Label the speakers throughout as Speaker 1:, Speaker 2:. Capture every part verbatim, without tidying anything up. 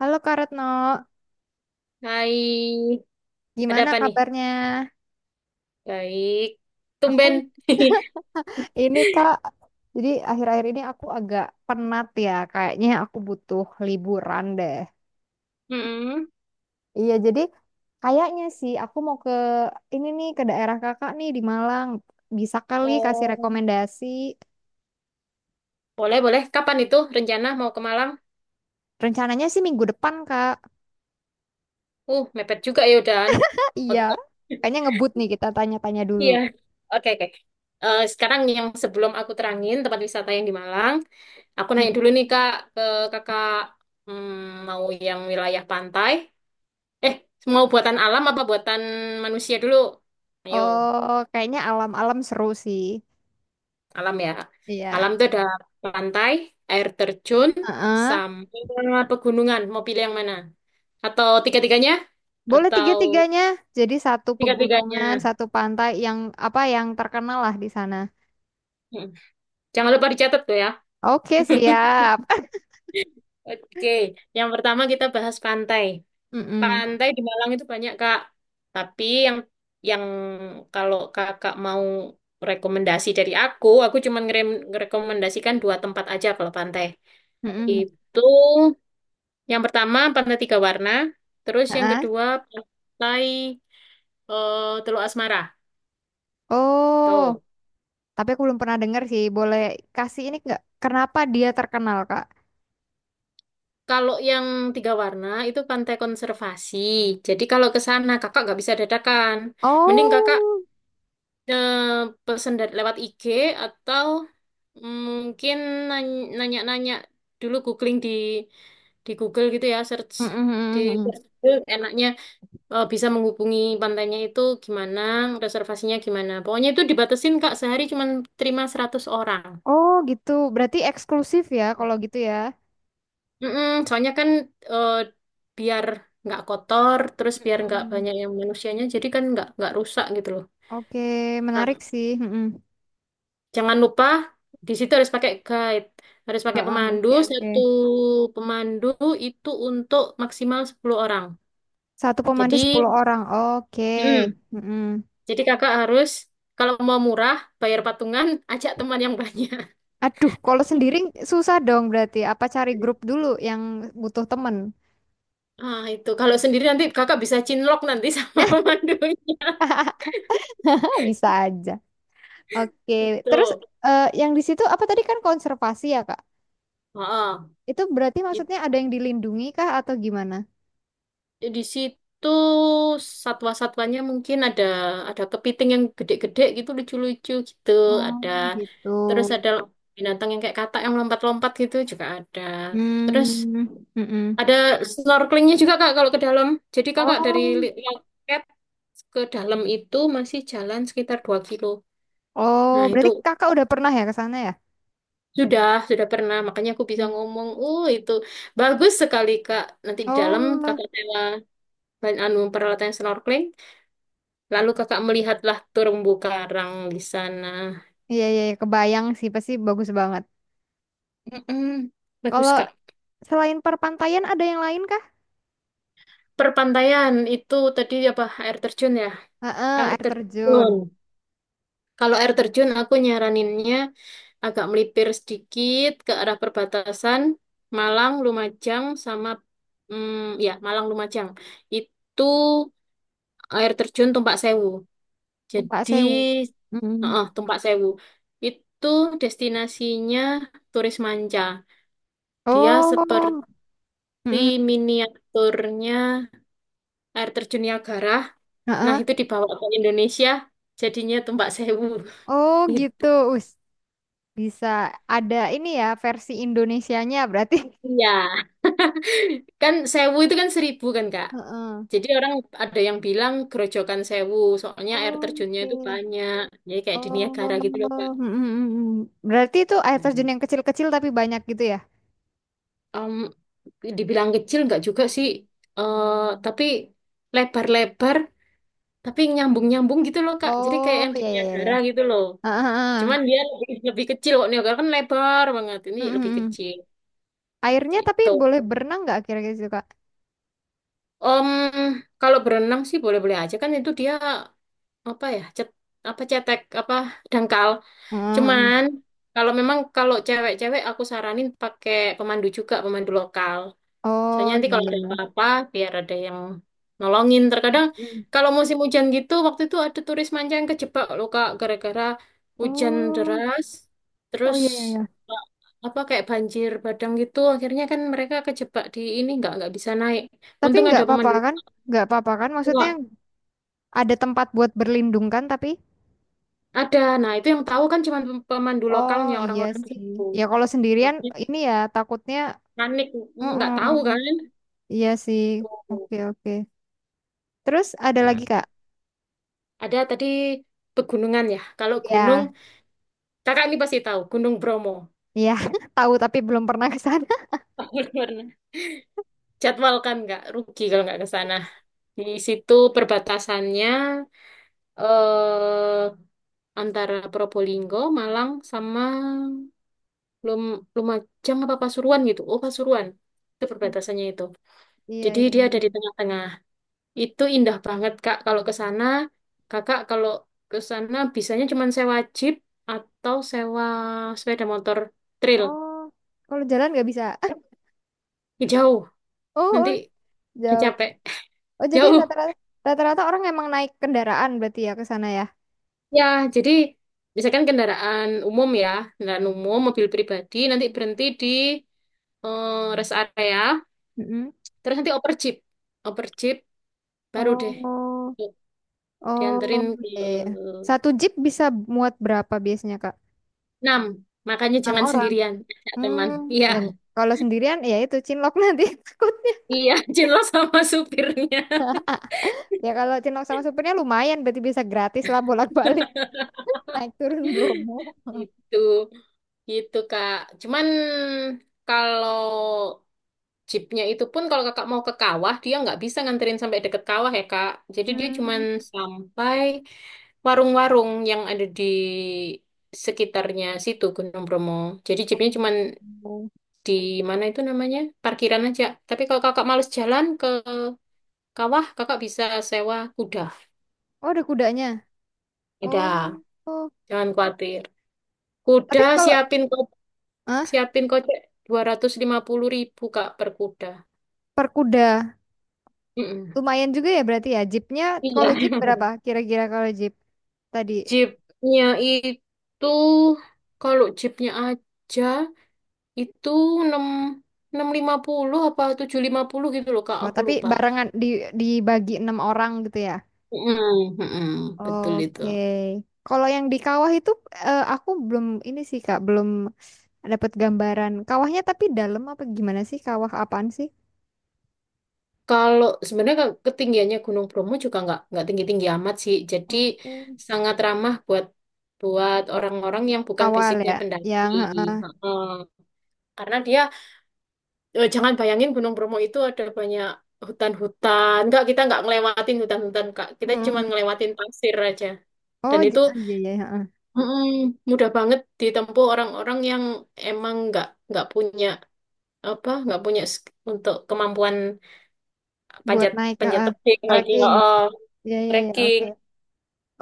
Speaker 1: Halo Kak Retno,
Speaker 2: Hai, ada
Speaker 1: gimana
Speaker 2: apa nih?
Speaker 1: kabarnya?
Speaker 2: Baik,
Speaker 1: Aku
Speaker 2: tumben.
Speaker 1: ini Kak, jadi akhir-akhir ini aku agak penat ya, kayaknya aku butuh liburan deh.
Speaker 2: Mm-mm.
Speaker 1: Iya, jadi kayaknya sih aku mau ke ini nih ke daerah Kakak nih di Malang. Bisa kali kasih
Speaker 2: Oh,
Speaker 1: rekomendasi.
Speaker 2: boleh, boleh. Kapan itu rencana mau ke Malang?
Speaker 1: Rencananya sih minggu depan, Kak.
Speaker 2: Uh, mepet juga ya udahan.
Speaker 1: Iya,
Speaker 2: Oke,
Speaker 1: kayaknya ngebut nih kita tanya-tanya dulu.
Speaker 2: iya. Oke, oke. Eh, sekarang yang sebelum aku terangin tempat wisata yang di Malang, aku nanya dulu
Speaker 1: Mm-mm.
Speaker 2: nih Kak, ke Kakak hmm, mau yang wilayah pantai? Eh, Mau buatan alam apa buatan manusia dulu? Ayo.
Speaker 1: Oh, kayaknya alam-alam seru sih.
Speaker 2: Alam ya.
Speaker 1: Iya.
Speaker 2: Alam itu ada pantai, air terjun,
Speaker 1: Heeh.
Speaker 2: sama pegunungan. Mau pilih yang mana? Atau tiga-tiganya?
Speaker 1: Boleh
Speaker 2: Atau
Speaker 1: tiga-tiganya. Jadi satu
Speaker 2: tiga-tiganya?
Speaker 1: pegunungan, satu pantai yang apa yang terkenal lah di sana.
Speaker 2: Hmm. Jangan lupa dicatat tuh ya.
Speaker 1: Oke, siap.
Speaker 2: Oke, yang pertama kita bahas pantai.
Speaker 1: Mm-mm.
Speaker 2: Pantai di Malang itu banyak, Kak. Tapi yang yang kalau Kakak mau rekomendasi dari aku, aku cuma ngerekomendasikan dua tempat aja kalau pantai.
Speaker 1: Mm-mm.
Speaker 2: Itu Yang pertama Pantai Tiga Warna, terus yang
Speaker 1: Ha-ha.
Speaker 2: kedua Pantai eh, Teluk Asmara.
Speaker 1: Oh,
Speaker 2: Tuh.
Speaker 1: tapi aku belum pernah dengar sih. Boleh kasih ini nggak? Kenapa dia terkenal, Kak?
Speaker 2: Kalau yang tiga warna itu pantai konservasi. Jadi kalau ke sana kakak nggak bisa dadakan. Mending kakak
Speaker 1: Oh,
Speaker 2: eh, pesen dari- lewat I G atau mungkin nany- nanya-nanya dulu, googling di di Google gitu ya, search di
Speaker 1: mm-mm.
Speaker 2: Google enaknya eh, bisa menghubungi pantainya itu gimana, reservasinya gimana. Pokoknya itu dibatasin Kak, sehari cuma terima seratus orang.
Speaker 1: Oh gitu. Berarti eksklusif ya kalau gitu ya.
Speaker 2: Mm-mm, soalnya kan eh, biar nggak kotor, terus biar nggak
Speaker 1: Mm-mm.
Speaker 2: banyak yang manusianya, jadi kan nggak nggak rusak gitu loh.
Speaker 1: Oke, menarik
Speaker 2: Nah,
Speaker 1: sih. Mm-mm.
Speaker 2: jangan lupa di situ harus pakai guide, harus pakai
Speaker 1: Ha-ha,
Speaker 2: pemandu.
Speaker 1: oke, oke.
Speaker 2: Satu pemandu itu untuk maksimal sepuluh orang.
Speaker 1: Satu pemandu
Speaker 2: Jadi,
Speaker 1: sepuluh orang. Oke.
Speaker 2: mm,
Speaker 1: Mm-mm.
Speaker 2: jadi kakak harus kalau mau murah, bayar patungan, ajak teman yang banyak.
Speaker 1: Aduh, kalau sendiri susah dong berarti. Apa cari grup dulu yang butuh temen?
Speaker 2: Ah, itu kalau sendiri nanti kakak bisa cinlok nanti sama pemandunya.
Speaker 1: Bisa aja. Oke, terus
Speaker 2: Itu.
Speaker 1: eh, yang di situ apa tadi kan konservasi ya, Kak?
Speaker 2: Heeh.
Speaker 1: Itu berarti
Speaker 2: itu
Speaker 1: maksudnya ada yang dilindungi kah atau gimana?
Speaker 2: Di situ satwa-satwanya mungkin ada ada kepiting yang gede-gede gitu lucu-lucu gitu, ada
Speaker 1: Hmm, gitu.
Speaker 2: terus ada binatang yang kayak katak yang lompat-lompat gitu juga ada. Terus
Speaker 1: Hmm, mm-mm.
Speaker 2: ada snorkelingnya juga Kak kalau ke dalam. Jadi Kakak dari
Speaker 1: Oh.
Speaker 2: Li- Loket ke dalam itu masih jalan sekitar dua kilo.
Speaker 1: Oh,
Speaker 2: Nah, itu
Speaker 1: berarti kakak udah pernah ya ke sana ya?
Speaker 2: Sudah, sudah pernah. Makanya aku bisa
Speaker 1: Hmm.
Speaker 2: ngomong, uh itu bagus sekali Kak. Nanti di dalam
Speaker 1: Oh,
Speaker 2: kakak sewa ban- anu peralatan snorkeling, lalu kakak melihatlah terumbu karang di sana.
Speaker 1: iya iya iya, kebayang sih pasti bagus banget.
Speaker 2: Mm-mm. Bagus,
Speaker 1: Kalau
Speaker 2: Kak.
Speaker 1: selain perpantaian ada yang lain kah?
Speaker 2: Perpantaian itu tadi apa air terjun ya?
Speaker 1: Heeh,
Speaker 2: Air
Speaker 1: air terjun.
Speaker 2: terjun. Kalau air terjun aku nyaraninnya agak melipir sedikit ke arah perbatasan Malang, Lumajang sama mm, ya Malang Lumajang. Itu air terjun Tumpak Sewu.
Speaker 1: Numpak
Speaker 2: Jadi,
Speaker 1: sewu. Mm.
Speaker 2: heeh, Tumpak Sewu itu destinasinya turis manca. Dia seperti
Speaker 1: Oh, mm-mm.
Speaker 2: miniaturnya air terjun Niagara. Nah,
Speaker 1: Heeh.
Speaker 2: itu dibawa ke Indonesia, jadinya Tumpak Sewu.
Speaker 1: Oh
Speaker 2: Gitu.
Speaker 1: gitu. Us, bisa ada ini ya versi Indonesianya berarti.
Speaker 2: Iya, kan Sewu itu kan seribu kan, Kak?
Speaker 1: Heeh.
Speaker 2: Jadi orang ada yang bilang gerojokan Sewu, soalnya air terjunnya
Speaker 1: Oke.
Speaker 2: itu banyak. Jadi kayak di
Speaker 1: Oh,
Speaker 2: Niagara gitu loh, Kak.
Speaker 1: mm mm berarti itu air terjun yang kecil-kecil tapi banyak gitu ya?
Speaker 2: Hmm. Dibilang kecil nggak juga sih, eh tapi lebar-lebar tapi nyambung-nyambung gitu loh Kak, jadi kayak
Speaker 1: Oh,
Speaker 2: yang di
Speaker 1: ya ya ya
Speaker 2: Niagara
Speaker 1: ya.
Speaker 2: gitu loh,
Speaker 1: Heeh. Heeh.
Speaker 2: cuman dia lebih, lebih kecil kok. Niagara kan lebar banget, ini
Speaker 1: mm
Speaker 2: lebih
Speaker 1: mm
Speaker 2: kecil
Speaker 1: Airnya tapi
Speaker 2: gitu.
Speaker 1: boleh berenang nggak kira-kira gitu, Kak?
Speaker 2: Om, kalau berenang sih boleh-boleh aja, kan itu dia apa ya, cet apa cetek, apa dangkal,
Speaker 1: Mm.
Speaker 2: cuman kalau memang kalau cewek-cewek aku saranin pakai pemandu juga, pemandu lokal. Soalnya
Speaker 1: Oh,
Speaker 2: nanti
Speaker 1: ya
Speaker 2: kalau
Speaker 1: ya
Speaker 2: ada
Speaker 1: ya.
Speaker 2: apa-apa, biar ada yang nolongin. Terkadang
Speaker 1: Mm.
Speaker 2: kalau musim hujan gitu, waktu itu ada turis manca yang kejebak loh Kak, gara-gara hujan
Speaker 1: Oh,
Speaker 2: deras,
Speaker 1: oh
Speaker 2: terus
Speaker 1: ya ya ya.
Speaker 2: eh, apa kayak banjir bandang gitu. Akhirnya kan mereka kejebak di ini, nggak nggak bisa naik.
Speaker 1: Tapi
Speaker 2: Untung
Speaker 1: nggak
Speaker 2: ada
Speaker 1: apa-apa
Speaker 2: pemandu
Speaker 1: kan? Nggak apa-apa kan? Maksudnya
Speaker 2: lokal.
Speaker 1: ada tempat buat berlindung kan tapi
Speaker 2: Ada. Nah itu yang tahu kan cuma pem- pemandu
Speaker 1: oh
Speaker 2: lokalnya,
Speaker 1: iya
Speaker 2: orang-orang
Speaker 1: sih.
Speaker 2: situ.
Speaker 1: Ya kalau sendirian
Speaker 2: Makanya
Speaker 1: ini ya takutnya
Speaker 2: panik nggak tahu kan.
Speaker 1: mm Iya sih.
Speaker 2: Tuh.
Speaker 1: Oke oke. Terus ada
Speaker 2: Nah
Speaker 1: lagi Kak?
Speaker 2: ada tadi pegunungan ya. Kalau gunung,
Speaker 1: Ya,
Speaker 2: Kakak ini pasti tahu Gunung Bromo.
Speaker 1: iya tahu tapi belum pernah ke sana.
Speaker 2: Bener-bener. Jadwalkan, nggak rugi kalau nggak ke sana. Di situ perbatasannya eh antara Probolinggo, Malang sama Lum Lumajang apa Pasuruan gitu. Oh, Pasuruan. Itu perbatasannya itu.
Speaker 1: Iya
Speaker 2: Jadi dia ada
Speaker 1: iya.
Speaker 2: di tengah-tengah. Itu indah banget, Kak. Kalau ke sana, Kakak kalau ke sana bisanya cuma sewa jeep atau sewa sepeda motor trail.
Speaker 1: Oh, kalau jalan nggak bisa.
Speaker 2: Jauh.
Speaker 1: Oh,
Speaker 2: Nanti
Speaker 1: oh, jauh.
Speaker 2: capek.
Speaker 1: Oh, jadi
Speaker 2: Jauh.
Speaker 1: rata-rata rata-rata orang emang naik kendaraan berarti ya ke sana ya.
Speaker 2: Ya, jadi misalkan kendaraan umum ya, kendaraan umum, mobil pribadi, nanti berhenti di eh, rest area,
Speaker 1: Mm-mm.
Speaker 2: terus nanti oper jeep, oper jeep, baru deh
Speaker 1: Oh,
Speaker 2: tuh,
Speaker 1: oh,
Speaker 2: dianterin ke
Speaker 1: iya, iya. Satu jeep bisa muat berapa biasanya, Kak?
Speaker 2: enam. Makanya
Speaker 1: Enam
Speaker 2: jangan
Speaker 1: orang.
Speaker 2: sendirian, ajak teman.
Speaker 1: Hmm,
Speaker 2: Iya,
Speaker 1: dan kalau sendirian ya itu cinlok nanti takutnya.
Speaker 2: iya, jelas sama supirnya.
Speaker 1: Ya kalau cinlok sama supirnya lumayan berarti bisa gratis lah bolak-balik naik turun Bromo.
Speaker 2: Gitu, gitu Kak. Cuman kalau Jeepnya itu pun kalau kakak mau ke kawah, dia nggak bisa nganterin sampai deket kawah ya kak. Jadi dia cuman
Speaker 1: Hmm.
Speaker 2: sampai warung-warung yang ada di sekitarnya situ Gunung Bromo. Jadi jeepnya cuman
Speaker 1: Oh,
Speaker 2: di mana itu namanya? Parkiran aja. Tapi kalau kakak males jalan ke kawah, kakak bisa sewa kuda.
Speaker 1: oh, ada kudanya. Oh,
Speaker 2: Ada,
Speaker 1: oh.
Speaker 2: jangan khawatir. Kuda
Speaker 1: Tapi kalau
Speaker 2: siapin ko-
Speaker 1: ah
Speaker 2: siapin kocek dua ratus lima puluh ribu kak per kuda.
Speaker 1: per kuda
Speaker 2: Mm-mm.
Speaker 1: lumayan juga ya berarti ya. Jeepnya
Speaker 2: Iya.
Speaker 1: kalau jeep berapa kira-kira kalau jeep tadi?
Speaker 2: Jeepnya itu, kalau jeepnya aja itu enam, enam lima puluh apa tujuh lima puluh gitu loh Kak,
Speaker 1: Oh,
Speaker 2: aku
Speaker 1: tapi
Speaker 2: lupa.
Speaker 1: barengan di dibagi enam orang gitu ya.
Speaker 2: Mm, mm, betul itu.
Speaker 1: Oke. Kalau yang di kawah itu eh, aku belum ini sih Kak, belum dapat gambaran. Kawahnya tapi dalam apa gimana sih? Kawah apaan sih?
Speaker 2: Kalau sebenarnya ke- ketinggiannya Gunung Bromo juga nggak nggak tinggi-tinggi amat sih. Jadi
Speaker 1: Oh.
Speaker 2: sangat ramah buat buat orang-orang yang bukan
Speaker 1: Awal
Speaker 2: basicnya
Speaker 1: ya,
Speaker 2: pendaki.
Speaker 1: yang heeh.
Speaker 2: Heeh. Karena dia eh, jangan bayangin Gunung Bromo itu ada banyak hutan-hutan. Enggak, kita nggak ngelewatin hutan-hutan, Kak. Kita cuma
Speaker 1: Mm-mm.
Speaker 2: ngelewatin pasir aja. Dan
Speaker 1: Oh, j-
Speaker 2: itu
Speaker 1: oh, iya iya heeh.
Speaker 2: mm, mudah banget ditempuh orang-orang yang emang nggak nggak punya apa, nggak punya sk- untuk kemampuan
Speaker 1: Buat
Speaker 2: panjat,
Speaker 1: naik
Speaker 2: panjat
Speaker 1: heeh.
Speaker 2: tebing lagi,
Speaker 1: Trekking.
Speaker 2: oh,
Speaker 1: Iya iya iya
Speaker 2: trekking
Speaker 1: oke.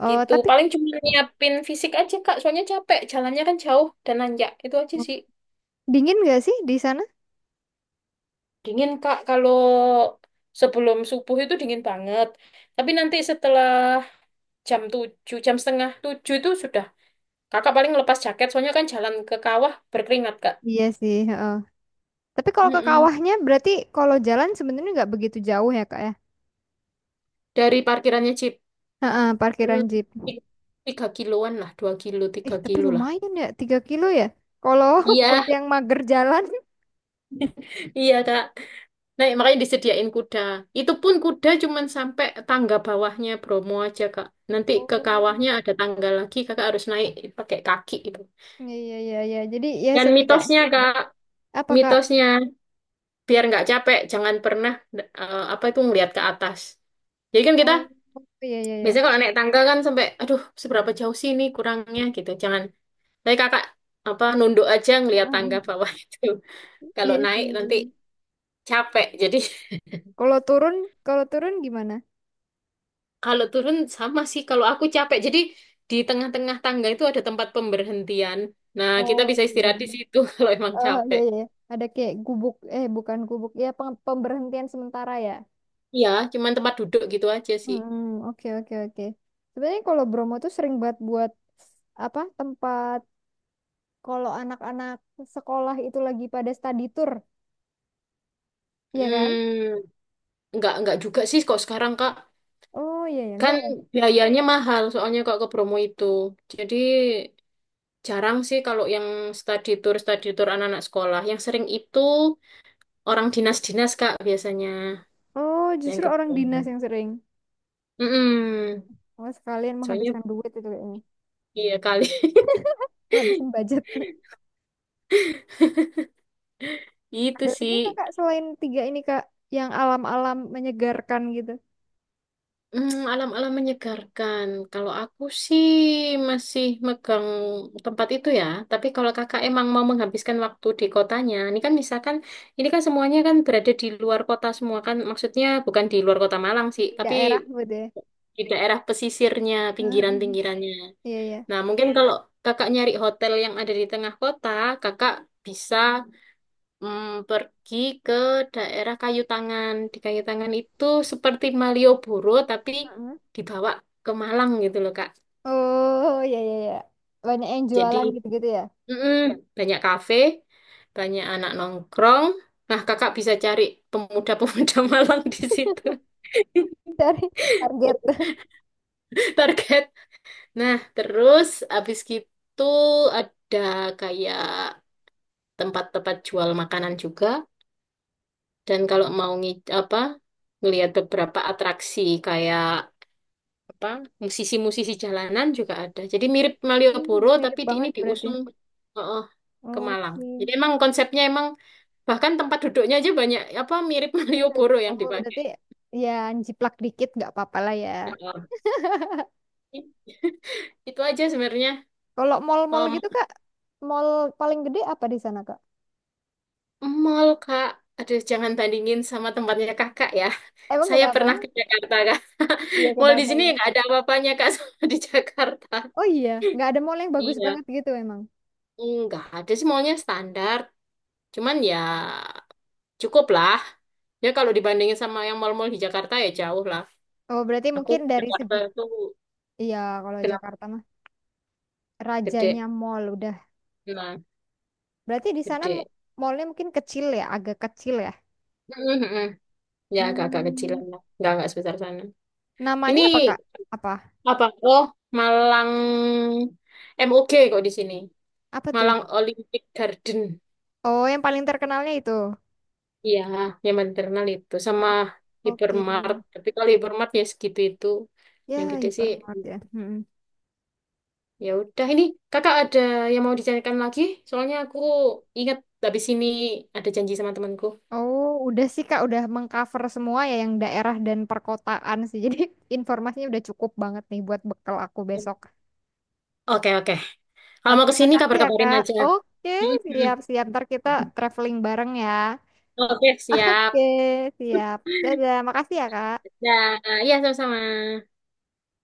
Speaker 1: Oh,
Speaker 2: gitu.
Speaker 1: tapi
Speaker 2: Paling cuma nyiapin fisik aja, Kak. Soalnya capek, jalannya kan jauh dan nanjak. Itu aja sih.
Speaker 1: dingin nggak sih di sana?
Speaker 2: Dingin, Kak, kalau sebelum subuh itu dingin banget. Tapi nanti setelah jam tujuh, jam setengah tujuh itu sudah. Kakak paling lepas jaket, soalnya kan jalan ke kawah berkeringat, Kak.
Speaker 1: Iya sih, heeh. Tapi kalau ke
Speaker 2: Mm-mm.
Speaker 1: kawahnya berarti kalau jalan sebenarnya nggak begitu jauh ya, Kak ya.
Speaker 2: Dari parkirannya Jeep.
Speaker 1: Heeh, parkiran
Speaker 2: Hmm,
Speaker 1: jeep.
Speaker 2: ti- tiga kiloan lah, dua kilo,
Speaker 1: Eh,
Speaker 2: tiga
Speaker 1: tapi
Speaker 2: kilo lah.
Speaker 1: lumayan ya, tiga kilo ya. Kalau buat
Speaker 2: Iya,
Speaker 1: yang mager jalan.
Speaker 2: iya, Kak. Nah, makanya disediain kuda. Itu pun kuda cuman sampai tangga bawahnya Bromo aja, Kak. Nanti ke
Speaker 1: Oh.
Speaker 2: kawahnya ada tangga lagi, Kakak harus naik pakai kaki itu.
Speaker 1: Iya iya iya iya. Jadi ya
Speaker 2: Dan
Speaker 1: setidaknya
Speaker 2: mitosnya, Kak,
Speaker 1: apa Kak?
Speaker 2: mitosnya biar nggak capek, jangan pernah eh, apa itu ngelihat ke atas. Jadi kan kita
Speaker 1: Oh, iya iya iya.
Speaker 2: Biasanya kalau naik tangga kan sampai, aduh, seberapa jauh sih ini kurangnya gitu. Jangan. Tapi kakak apa nunduk aja ngelihat
Speaker 1: Heeh,
Speaker 2: tangga
Speaker 1: heeh.
Speaker 2: bawah itu. Kalau
Speaker 1: Iya
Speaker 2: naik
Speaker 1: sih.
Speaker 2: nanti capek. Jadi
Speaker 1: Kalau turun, Kalau turun gimana?
Speaker 2: kalau turun sama sih. Kalau aku capek. Jadi di tengah-tengah tangga itu ada tempat pemberhentian. Nah, kita
Speaker 1: Oh,
Speaker 2: bisa
Speaker 1: iya.
Speaker 2: istirahat di situ kalau emang
Speaker 1: Oh, iya,
Speaker 2: capek.
Speaker 1: iya. Ada kayak gubuk, eh bukan gubuk, ya pem- pemberhentian sementara ya.
Speaker 2: Iya, cuman tempat duduk gitu aja sih.
Speaker 1: Hmm, oke oke oke. Sebenarnya kalau Bromo tuh sering banget buat apa tempat kalau anak-anak sekolah itu lagi pada study tour, iya kan?
Speaker 2: Hmm, nggak nggak juga sih kok sekarang Kak.
Speaker 1: Oh iya ya,
Speaker 2: Kan
Speaker 1: enggak ya?
Speaker 2: biayanya mahal soalnya kok ke Bromo itu. Jadi jarang sih kalau yang study tour, study tour anak-anak sekolah. Yang sering itu orang dinas-dinas, Kak, biasanya
Speaker 1: Oh
Speaker 2: yang
Speaker 1: justru orang dinas
Speaker 2: kebayang.
Speaker 1: yang sering.
Speaker 2: Mm-mm.
Speaker 1: Oh sekalian
Speaker 2: Soalnya
Speaker 1: menghabiskan duit itu kayaknya,
Speaker 2: iya kali.
Speaker 1: menghabiskan budget.
Speaker 2: Itu
Speaker 1: Ada lagi
Speaker 2: sih
Speaker 1: nggak kak selain tiga ini kak yang alam-alam menyegarkan gitu
Speaker 2: mm, alam-alam menyegarkan. Kalau aku sih masih megang tempat itu ya. Tapi kalau kakak emang mau menghabiskan waktu di kotanya, ini kan misalkan ini kan semuanya kan berada di luar kota semua kan. Maksudnya bukan di luar kota Malang
Speaker 1: di
Speaker 2: sih, tapi
Speaker 1: daerah gitu ya?
Speaker 2: di daerah pesisirnya,
Speaker 1: Heeh.
Speaker 2: pinggiran-pinggirannya.
Speaker 1: Iya iya.
Speaker 2: Nah, mungkin kalau kakak nyari hotel yang ada di tengah kota, kakak bisa mm, pergi ke daerah Kayu Tangan. Di Kayu Tangan itu seperti Malioboro, tapi
Speaker 1: Heeh.
Speaker 2: dibawa ke Malang gitu loh, Kak.
Speaker 1: Oh iya iya iya. Banyak yang
Speaker 2: Jadi,
Speaker 1: jualan gitu-gitu ya.
Speaker 2: mm, banyak kafe, banyak anak nongkrong. Nah, kakak bisa cari pemuda-pemuda Malang di situ.
Speaker 1: Dari Target.
Speaker 2: Target. Nah, terus habis gitu ada kayak tempat-tempat jual makanan juga. Dan kalau mau ngi apa ngelihat beberapa atraksi kayak apa musisi-musisi jalanan juga ada. Jadi mirip
Speaker 1: Hmm,
Speaker 2: Malioboro tapi
Speaker 1: mirip
Speaker 2: di ini
Speaker 1: banget berarti.
Speaker 2: diusung oh, oh, ke Malang.
Speaker 1: Oke.
Speaker 2: Jadi emang konsepnya emang bahkan tempat duduknya aja banyak apa mirip
Speaker 1: Mirip.
Speaker 2: Malioboro yang
Speaker 1: Oh
Speaker 2: dipakai.
Speaker 1: berarti ya jiplak dikit nggak apa-apa lah ya.
Speaker 2: Ya Allah. Itu aja sebenarnya.
Speaker 1: Kalau mall-mall
Speaker 2: Om,
Speaker 1: gitu kak, mall paling gede apa di sana kak?
Speaker 2: mall Kak. Aduh, jangan bandingin sama tempatnya Kakak ya.
Speaker 1: Emang
Speaker 2: Saya
Speaker 1: kenapa?
Speaker 2: pernah ke Jakarta, Kak.
Speaker 1: Iya
Speaker 2: Mall di
Speaker 1: kenapa
Speaker 2: sini
Speaker 1: ya?
Speaker 2: nggak ada apa-apanya, Kak, sama di Jakarta.
Speaker 1: Oh iya, nggak ada mall yang bagus
Speaker 2: Iya.
Speaker 1: banget gitu emang.
Speaker 2: Enggak, ada sih mallnya standar. Cuman ya cukup lah. Ya kalau dibandingin sama yang mall-mall di Jakarta ya jauh lah.
Speaker 1: Oh, berarti
Speaker 2: Aku
Speaker 1: mungkin
Speaker 2: ke
Speaker 1: dari
Speaker 2: Jakarta
Speaker 1: segi.
Speaker 2: itu
Speaker 1: Iya, kalau
Speaker 2: kenapa
Speaker 1: Jakarta mah
Speaker 2: gede.
Speaker 1: rajanya mall udah.
Speaker 2: Nah,
Speaker 1: Berarti di sana
Speaker 2: gede.
Speaker 1: mu- mallnya mungkin kecil ya, agak kecil ya.
Speaker 2: Mhm. Ya agak-agak
Speaker 1: Hmm,
Speaker 2: kecilan lah. Enggak, enggak sebesar sana. Ini
Speaker 1: namanya apa Kak? Apa?
Speaker 2: apa? Oh, Malang M O G kok di sini.
Speaker 1: Apa tuh?
Speaker 2: Malang Olympic Garden.
Speaker 1: Oh, yang paling terkenalnya itu.
Speaker 2: Iya, yang maternal itu. Sama
Speaker 1: Oh, oke.
Speaker 2: Hypermart. Tapi kalau Hypermart ya segitu itu. Yang
Speaker 1: Ya,
Speaker 2: gede sih
Speaker 1: hypermart ya. Mm-mm.
Speaker 2: ya udah ini kakak ada yang mau dicarikan lagi? Soalnya aku ingat habis ini ada janji sama temanku.
Speaker 1: Oh, udah sih Kak, udah mengcover semua ya yang daerah dan perkotaan sih. Jadi informasinya udah cukup banget nih buat bekal aku besok.
Speaker 2: Oke oke. Kalau mau
Speaker 1: Oke,
Speaker 2: ke sini
Speaker 1: makasih ya
Speaker 2: kabar-kabarin
Speaker 1: Kak.
Speaker 2: aja.
Speaker 1: Oke, siap-siap. Ntar kita traveling bareng ya.
Speaker 2: Oke siap.
Speaker 1: Oke, siap. Dadah, makasih ya, Kak.
Speaker 2: Ya, ya sama-sama.